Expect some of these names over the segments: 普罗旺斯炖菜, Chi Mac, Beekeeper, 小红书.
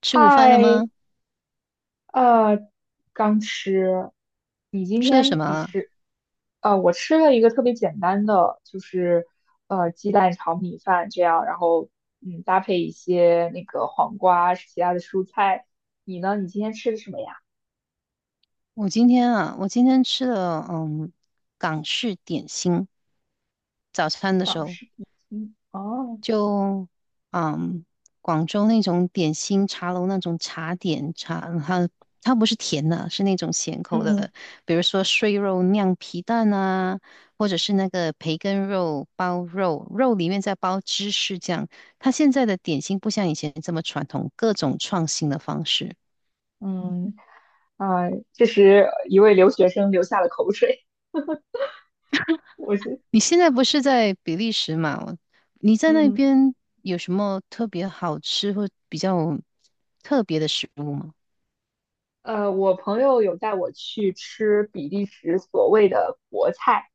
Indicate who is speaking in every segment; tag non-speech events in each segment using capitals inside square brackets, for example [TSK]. Speaker 1: 吃午饭了吗？
Speaker 2: 嗨，呃，刚吃，你今
Speaker 1: 吃了什
Speaker 2: 天
Speaker 1: 么
Speaker 2: 你
Speaker 1: 啊？
Speaker 2: 吃，我吃了一个特别简单的，就是鸡蛋炒米饭这样，然后搭配一些那个黄瓜其他的蔬菜。你呢？你今天吃的什么呀？
Speaker 1: 我今天啊，我今天吃了港式点心，早餐的时
Speaker 2: 港
Speaker 1: 候。
Speaker 2: 式点心哦，
Speaker 1: 就嗯广州那种点心茶楼那种茶点茶，它它不是甜的，是那种咸口的，
Speaker 2: 嗯
Speaker 1: 比如说碎肉酿皮蛋啊，或者是那个培根肉包肉，肉里面再包芝士酱。它现在的点心不像以前这么传统，各种创新的方式。
Speaker 2: 嗯，啊、这时一位留学生流下了口水。[LAUGHS] 我是
Speaker 1: 你现在不是在比利时嘛？你在那
Speaker 2: 嗯。
Speaker 1: 边有什么特别好吃或比较特别的食物吗？
Speaker 2: 我朋友有带我去吃比利时所谓的国菜，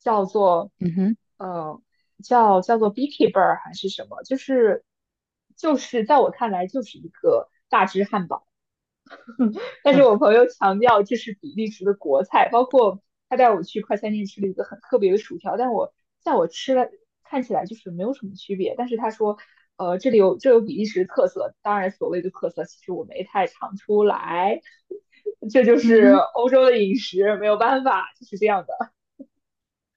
Speaker 2: 叫做，
Speaker 1: 嗯哼，
Speaker 2: 呃，叫做 Beekeeper 还是什么，就是在我看来就是一个大只汉堡。但是
Speaker 1: 啊，
Speaker 2: 我朋友强调这是比利时的国菜，包括他带我去快餐店吃了一个很特别的薯条，但我在我吃了看起来就是没有什么区别，但是他说，这里有比利时特色，当然所谓的特色其实我没太尝出来，这就
Speaker 1: 嗯
Speaker 2: 是
Speaker 1: 哼，
Speaker 2: 欧洲的饮食，没有办法，就是这样的。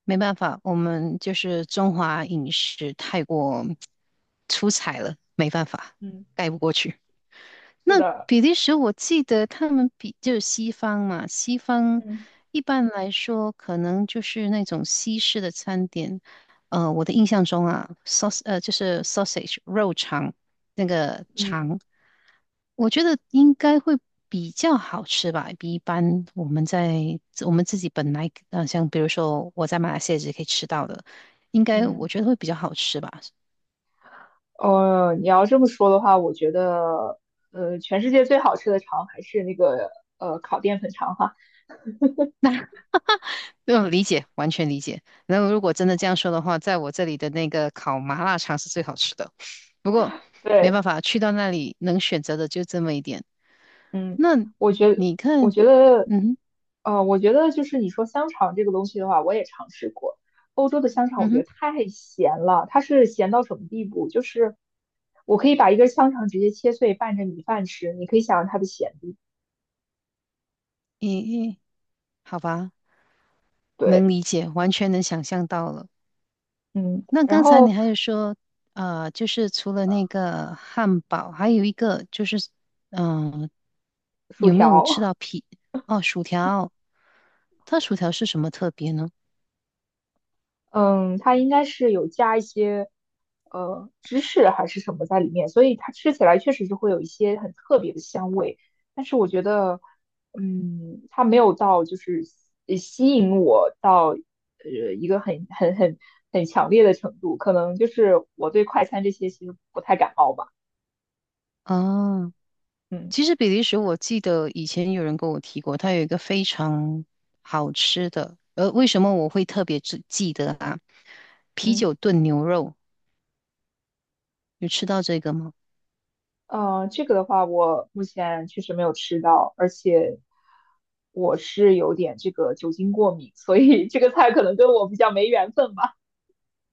Speaker 1: 没办法，我们就是中华饮食太过 [TSK] 出彩了，没办法，
Speaker 2: 嗯，
Speaker 1: 盖不过去。
Speaker 2: 是
Speaker 1: 那
Speaker 2: 的，
Speaker 1: 比利时，我记得他们比就是西方嘛，西方
Speaker 2: 嗯
Speaker 1: 一般来说可能就是那种西式的餐点。我的印象中啊，saus 就是 sausage 肉肠那个
Speaker 2: 嗯
Speaker 1: 肠，我觉得应该会比较好吃吧，比一般我们在我们自己本来像比如说我在马来西亚也可以吃到的，应该我
Speaker 2: 嗯，
Speaker 1: 觉得会比较好吃吧。
Speaker 2: 你要这么说的话，我觉得，全世界最好吃的肠还是那个烤淀粉肠哈，
Speaker 1: 嗯，理解，完全理解。然后如果真的这样说的话，在我这里的那个烤麻辣肠是最好吃的。不过没
Speaker 2: 对。
Speaker 1: 办法，去到那里能选择的就这么一点。
Speaker 2: 嗯，
Speaker 1: 那
Speaker 2: 我觉得，
Speaker 1: 你看，
Speaker 2: 我觉得，
Speaker 1: 嗯哼，
Speaker 2: 我觉得就是你说香肠这个东西的话，我也尝试过。欧洲的香肠
Speaker 1: 嗯
Speaker 2: 我觉
Speaker 1: 哼，
Speaker 2: 得太咸了，它是咸到什么地步？就是我可以把一根香肠直接切碎拌着米饭吃，你可以想象它的咸度。
Speaker 1: 咦、咦，好吧，能
Speaker 2: 对，
Speaker 1: 理解，完全能想象到了。
Speaker 2: 嗯，
Speaker 1: 那
Speaker 2: 然
Speaker 1: 刚才你
Speaker 2: 后
Speaker 1: 还有说，就是除了那个汉堡，还有一个就是，嗯、
Speaker 2: 薯
Speaker 1: 有没有
Speaker 2: 条，
Speaker 1: 吃到
Speaker 2: [LAUGHS]
Speaker 1: 皮？哦，薯条，它薯条是什么特别呢？
Speaker 2: 嗯，它应该是有加一些芝士还是什么在里面，所以它吃起来确实是会有一些很特别的香味。但是我觉得，嗯，它没有到就是吸引我到一个很强烈的程度，可能就是我对快餐这些其实不太感冒吧。
Speaker 1: 哦。
Speaker 2: 嗯
Speaker 1: 其实比利时，我记得以前有人跟我提过，它有一个非常好吃的，为什么我会特别记得啊？啤
Speaker 2: 嗯。
Speaker 1: 酒炖牛肉，有吃到这个吗？
Speaker 2: 这个的话，我目前确实没有吃到，而且我是有点这个酒精过敏，所以这个菜可能跟我比较没缘分吧。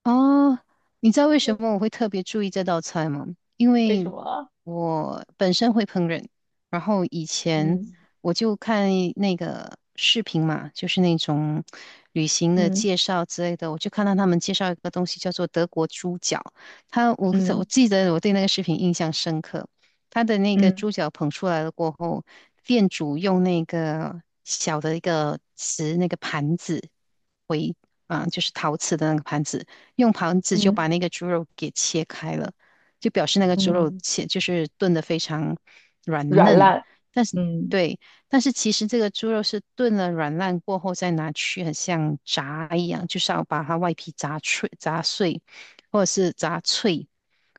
Speaker 1: 哦，你知道为什么
Speaker 2: [LAUGHS]
Speaker 1: 我会特别注意这道菜吗？因
Speaker 2: 为什
Speaker 1: 为
Speaker 2: 么啊？
Speaker 1: 我本身会烹饪，然后以前
Speaker 2: 嗯
Speaker 1: 我就看那个视频嘛，就是那种旅行的
Speaker 2: 嗯
Speaker 1: 介绍之类的，我就看到他们介绍一个东西叫做德国猪脚，他我
Speaker 2: 嗯
Speaker 1: 我记得我对那个视频印象深刻。他的那个
Speaker 2: 嗯
Speaker 1: 猪脚捧出来了过后，店主用那个小的一个瓷那个盘子为啊，就是陶瓷的那个盘子，用盘子就
Speaker 2: 嗯
Speaker 1: 把那个猪肉给切开了，就表示那个猪肉
Speaker 2: 嗯，
Speaker 1: 切就是炖得非常软
Speaker 2: 软
Speaker 1: 嫩。
Speaker 2: 烂。
Speaker 1: 但是
Speaker 2: 嗯
Speaker 1: 对，但是其实这个猪肉是炖了软烂过后再拿去，很像炸一样，就是要把它外皮炸脆、炸碎，或者是炸脆，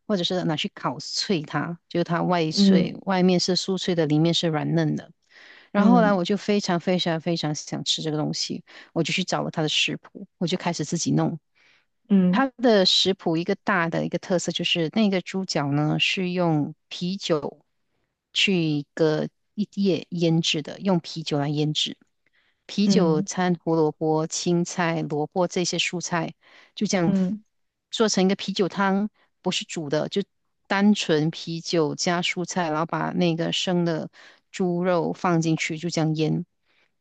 Speaker 1: 或者是拿去烤脆它，就是它外脆，
Speaker 2: 嗯
Speaker 1: 外面是酥脆的，里面是软嫩的。然后后来
Speaker 2: 嗯
Speaker 1: 我就非常非常非常想吃这个东西，我就去找了它的食谱，我就开始自己弄。它
Speaker 2: 嗯
Speaker 1: 的食谱一个大的一个特色就是那个猪脚呢是用啤酒去一个一夜腌制的，用啤酒来腌制。啤酒
Speaker 2: 嗯
Speaker 1: 掺胡萝卜、青菜、萝卜这些蔬菜，就这样
Speaker 2: 嗯
Speaker 1: 做成一个啤酒汤，不是煮的，就单纯啤酒加蔬菜，然后把那个生的猪肉放进去，就这样腌。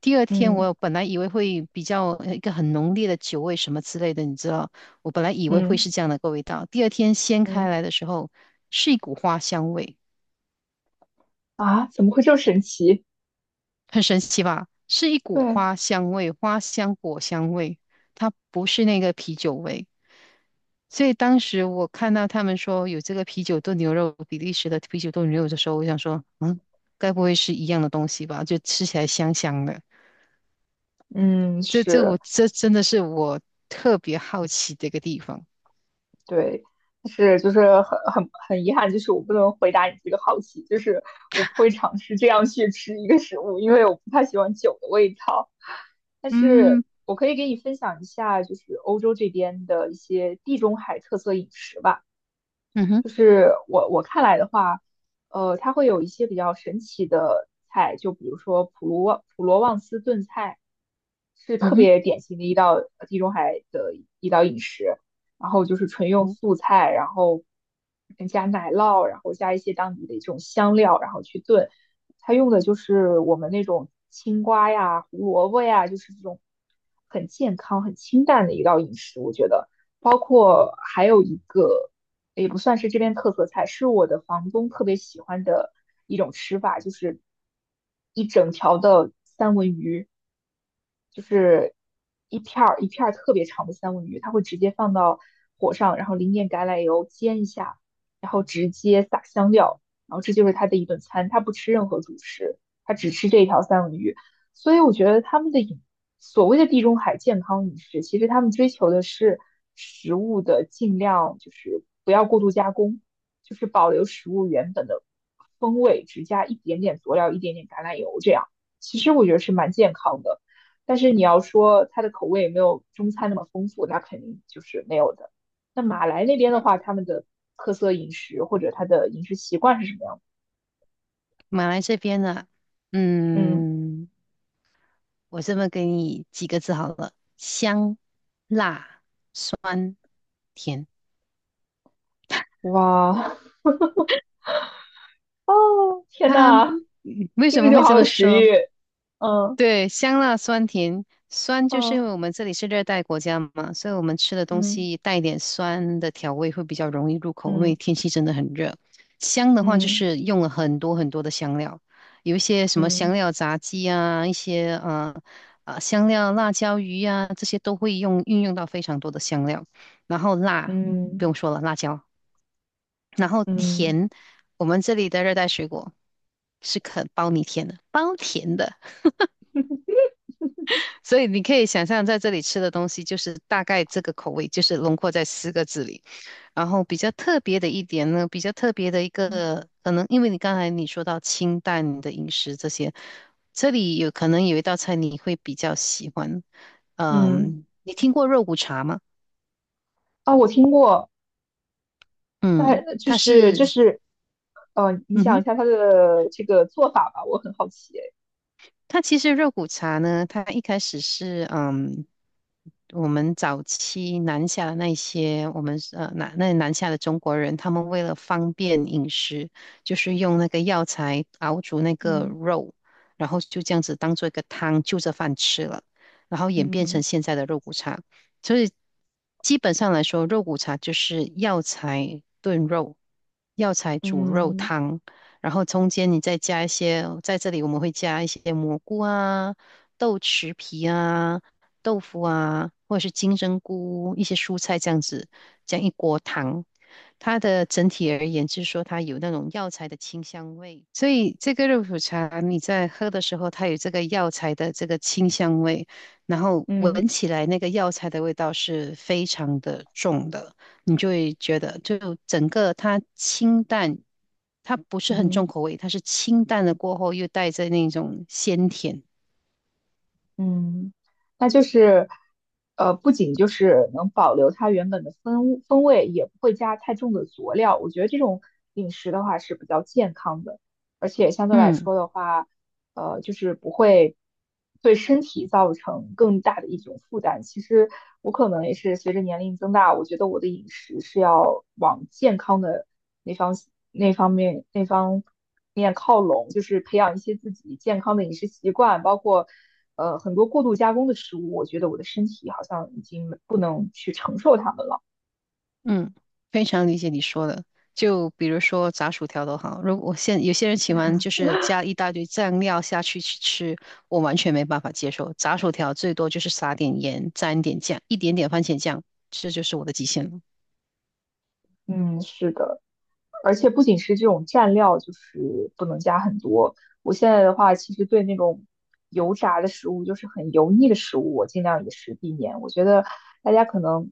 Speaker 1: 第二天
Speaker 2: 嗯嗯
Speaker 1: 我本来以为会比较一个很浓烈的酒味什么之类的，你知道，我本来以为会
Speaker 2: 嗯
Speaker 1: 是这样的个味道。第二天掀开
Speaker 2: 嗯
Speaker 1: 来的时候，是一股花香味。
Speaker 2: 啊，怎么会这么神奇？
Speaker 1: 很神奇吧？是一股
Speaker 2: 对，
Speaker 1: 花香味，花香果香味，它不是那个啤酒味。所以当时我看到他们说有这个啤酒炖牛肉，比利时的啤酒炖牛肉的时候，我想说，嗯，该不会是一样的东西吧？就吃起来香香的。
Speaker 2: 嗯
Speaker 1: 这这
Speaker 2: 是。
Speaker 1: 我这真的是我特别好奇的一个地方。
Speaker 2: 对，但是就是很遗憾，就是我不能回答你这个好奇，就是我不会尝试这样去吃一个食物，因为我不太喜欢酒的味道。但是
Speaker 1: 嗯，
Speaker 2: 我可以给你分享一下，就是欧洲这边的一些地中海特色饮食吧。
Speaker 1: 嗯哼，
Speaker 2: 就是我看来的话，它会有一些比较神奇的菜，就比如说普罗旺斯炖菜，是
Speaker 1: 嗯
Speaker 2: 特
Speaker 1: 哼，
Speaker 2: 别典型的一道地中海的一道饮食。然后就是纯用
Speaker 1: 嗯，
Speaker 2: 素菜，然后加奶酪，然后加一些当地的这种香料，然后去炖。它用的就是我们那种青瓜呀、胡萝卜呀，就是这种很健康、很清淡的一道饮食，我觉得。包括还有一个也不算是这边特色菜，是我的房东特别喜欢的一种吃法，就是一整条的三文鱼，就是一片儿一片儿特别长的三文鱼，它会直接放到火上，然后淋点橄榄油煎一下，然后直接撒香料，然后这就是他的一顿餐，他不吃任何主食，他只吃这一条三文鱼。所以我觉得他们的所谓的地中海健康饮食，其实他们追求的是食物的尽量就是不要过度加工，就是保留食物原本的风味，只加一点点佐料，一点点橄榄油这样。其实我觉得是蛮健康的，但是你要说它的口味有没有中餐那么丰富，那肯定就是没有的。那马来那边的话，他们的特色饮食或者他的饮食习惯是什么样的？
Speaker 1: 马来这边呢，
Speaker 2: 嗯，
Speaker 1: 嗯。我这么给你几个字好了：香、辣、酸、甜。
Speaker 2: 哇，哦，天
Speaker 1: 它、
Speaker 2: 呐，
Speaker 1: 为
Speaker 2: 听
Speaker 1: 什
Speaker 2: 着
Speaker 1: 么
Speaker 2: 就
Speaker 1: 会这
Speaker 2: 好
Speaker 1: 么
Speaker 2: 有食
Speaker 1: 说？
Speaker 2: 欲。嗯
Speaker 1: 对，香辣酸甜，酸就是因
Speaker 2: 嗯
Speaker 1: 为我们这里是热带国家嘛，所以我们吃的东
Speaker 2: 嗯
Speaker 1: 西带一点酸的调味会比较容易入口，因为天气真的很热。香的话就
Speaker 2: 嗯
Speaker 1: 是用了很多很多的香料，有一些什么香
Speaker 2: 嗯
Speaker 1: 料炸鸡啊，一些香料辣椒鱼啊，这些都会用运用到非常多的香料。然后
Speaker 2: 嗯
Speaker 1: 辣不
Speaker 2: 嗯
Speaker 1: 用说了，辣椒。然后
Speaker 2: 嗯
Speaker 1: 甜，我们这里的热带水果是肯包你甜的，包甜的。所以你可以想象，在这里吃的东西就是大概这个口味，就是轮廓在四个字里。然后比较特别的一点呢，比较特别的一
Speaker 2: 嗯
Speaker 1: 个，可能因为你刚才你说到清淡的饮食这些，这里有可能有一道菜你会比较喜欢。
Speaker 2: 嗯
Speaker 1: 嗯，你听过肉骨茶吗？
Speaker 2: 啊，我听过，
Speaker 1: 嗯，
Speaker 2: 但就
Speaker 1: 它
Speaker 2: 是就
Speaker 1: 是，
Speaker 2: 是，你
Speaker 1: 嗯
Speaker 2: 讲
Speaker 1: 哼。
Speaker 2: 一下它的这个做法吧，我很好奇诶。
Speaker 1: 它其实肉骨茶呢，它一开始是我们早期南下的那些我们那南下的中国人，他们为了方便饮食，就是用那个药材熬煮那个
Speaker 2: 嗯
Speaker 1: 肉，然后就这样子当做一个汤，就着饭吃了，然后演变成
Speaker 2: 嗯
Speaker 1: 现在的肉骨茶。所以基本上来说，肉骨茶就是药材炖肉、药材煮肉
Speaker 2: 嗯
Speaker 1: 汤，然后中间你再加一些，在这里我们会加一些蘑菇啊、豆豉皮啊、豆腐啊，或者是金针菇、一些蔬菜这样子，这样一锅汤。它的整体而言，就是说它有那种药材的清香味，所以这个肉骨茶你在喝的时候，它有这个药材的这个清香味，然后
Speaker 2: 嗯
Speaker 1: 闻起来那个药材的味道是非常的重的，你就会觉得就整个它清淡，它不是很
Speaker 2: 嗯
Speaker 1: 重口味，它是清淡的过后又带着那种鲜甜。
Speaker 2: 嗯，那就是，不仅就是能保留它原本的风味，也不会加太重的佐料。我觉得这种饮食的话是比较健康的，而且相对来
Speaker 1: 嗯，
Speaker 2: 说的话，就是不会对身体造成更大的一种负担。其实我可能也是随着年龄增大，我觉得我的饮食是要往健康的那方那方面靠拢，就是培养一些自己健康的饮食习惯，包括很多过度加工的食物，我觉得我的身体好像已经不能去承受它们了。
Speaker 1: 嗯，非常理解你说的。就比如说炸薯条都好，如果我现有些人喜欢就是加一大堆酱料下去去吃，我完全没办法接受。炸薯条最多就是撒点盐，沾点酱，一点点番茄酱，这就是我的极限了。
Speaker 2: 嗯，是的，而且不仅是这种蘸料，就是不能加很多。我现在的话，其实对那种油炸的食物，就是很油腻的食物，我尽量也是避免。我觉得大家可能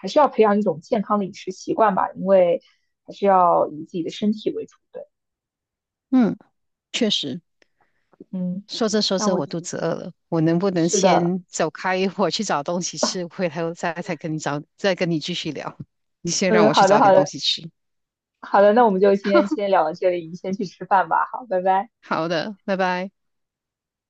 Speaker 2: 还是要培养一种健康的饮食习惯吧，因为还是要以自己的身体为主对。
Speaker 1: 嗯，确实。
Speaker 2: 嗯，
Speaker 1: 说着说
Speaker 2: 那
Speaker 1: 着，
Speaker 2: 我
Speaker 1: 我肚子饿了，我能不能
Speaker 2: 是的，
Speaker 1: 先走开一会儿去找东西吃，回头再跟你找，再跟你继续聊？你先让
Speaker 2: 嗯，
Speaker 1: 我去
Speaker 2: 好的，
Speaker 1: 找
Speaker 2: 好
Speaker 1: 点东
Speaker 2: 的，
Speaker 1: 西吃。
Speaker 2: 好的，那我们就今天先
Speaker 1: [LAUGHS]
Speaker 2: 聊到这里，你先去吃饭吧，好，拜拜。
Speaker 1: 好的，拜拜。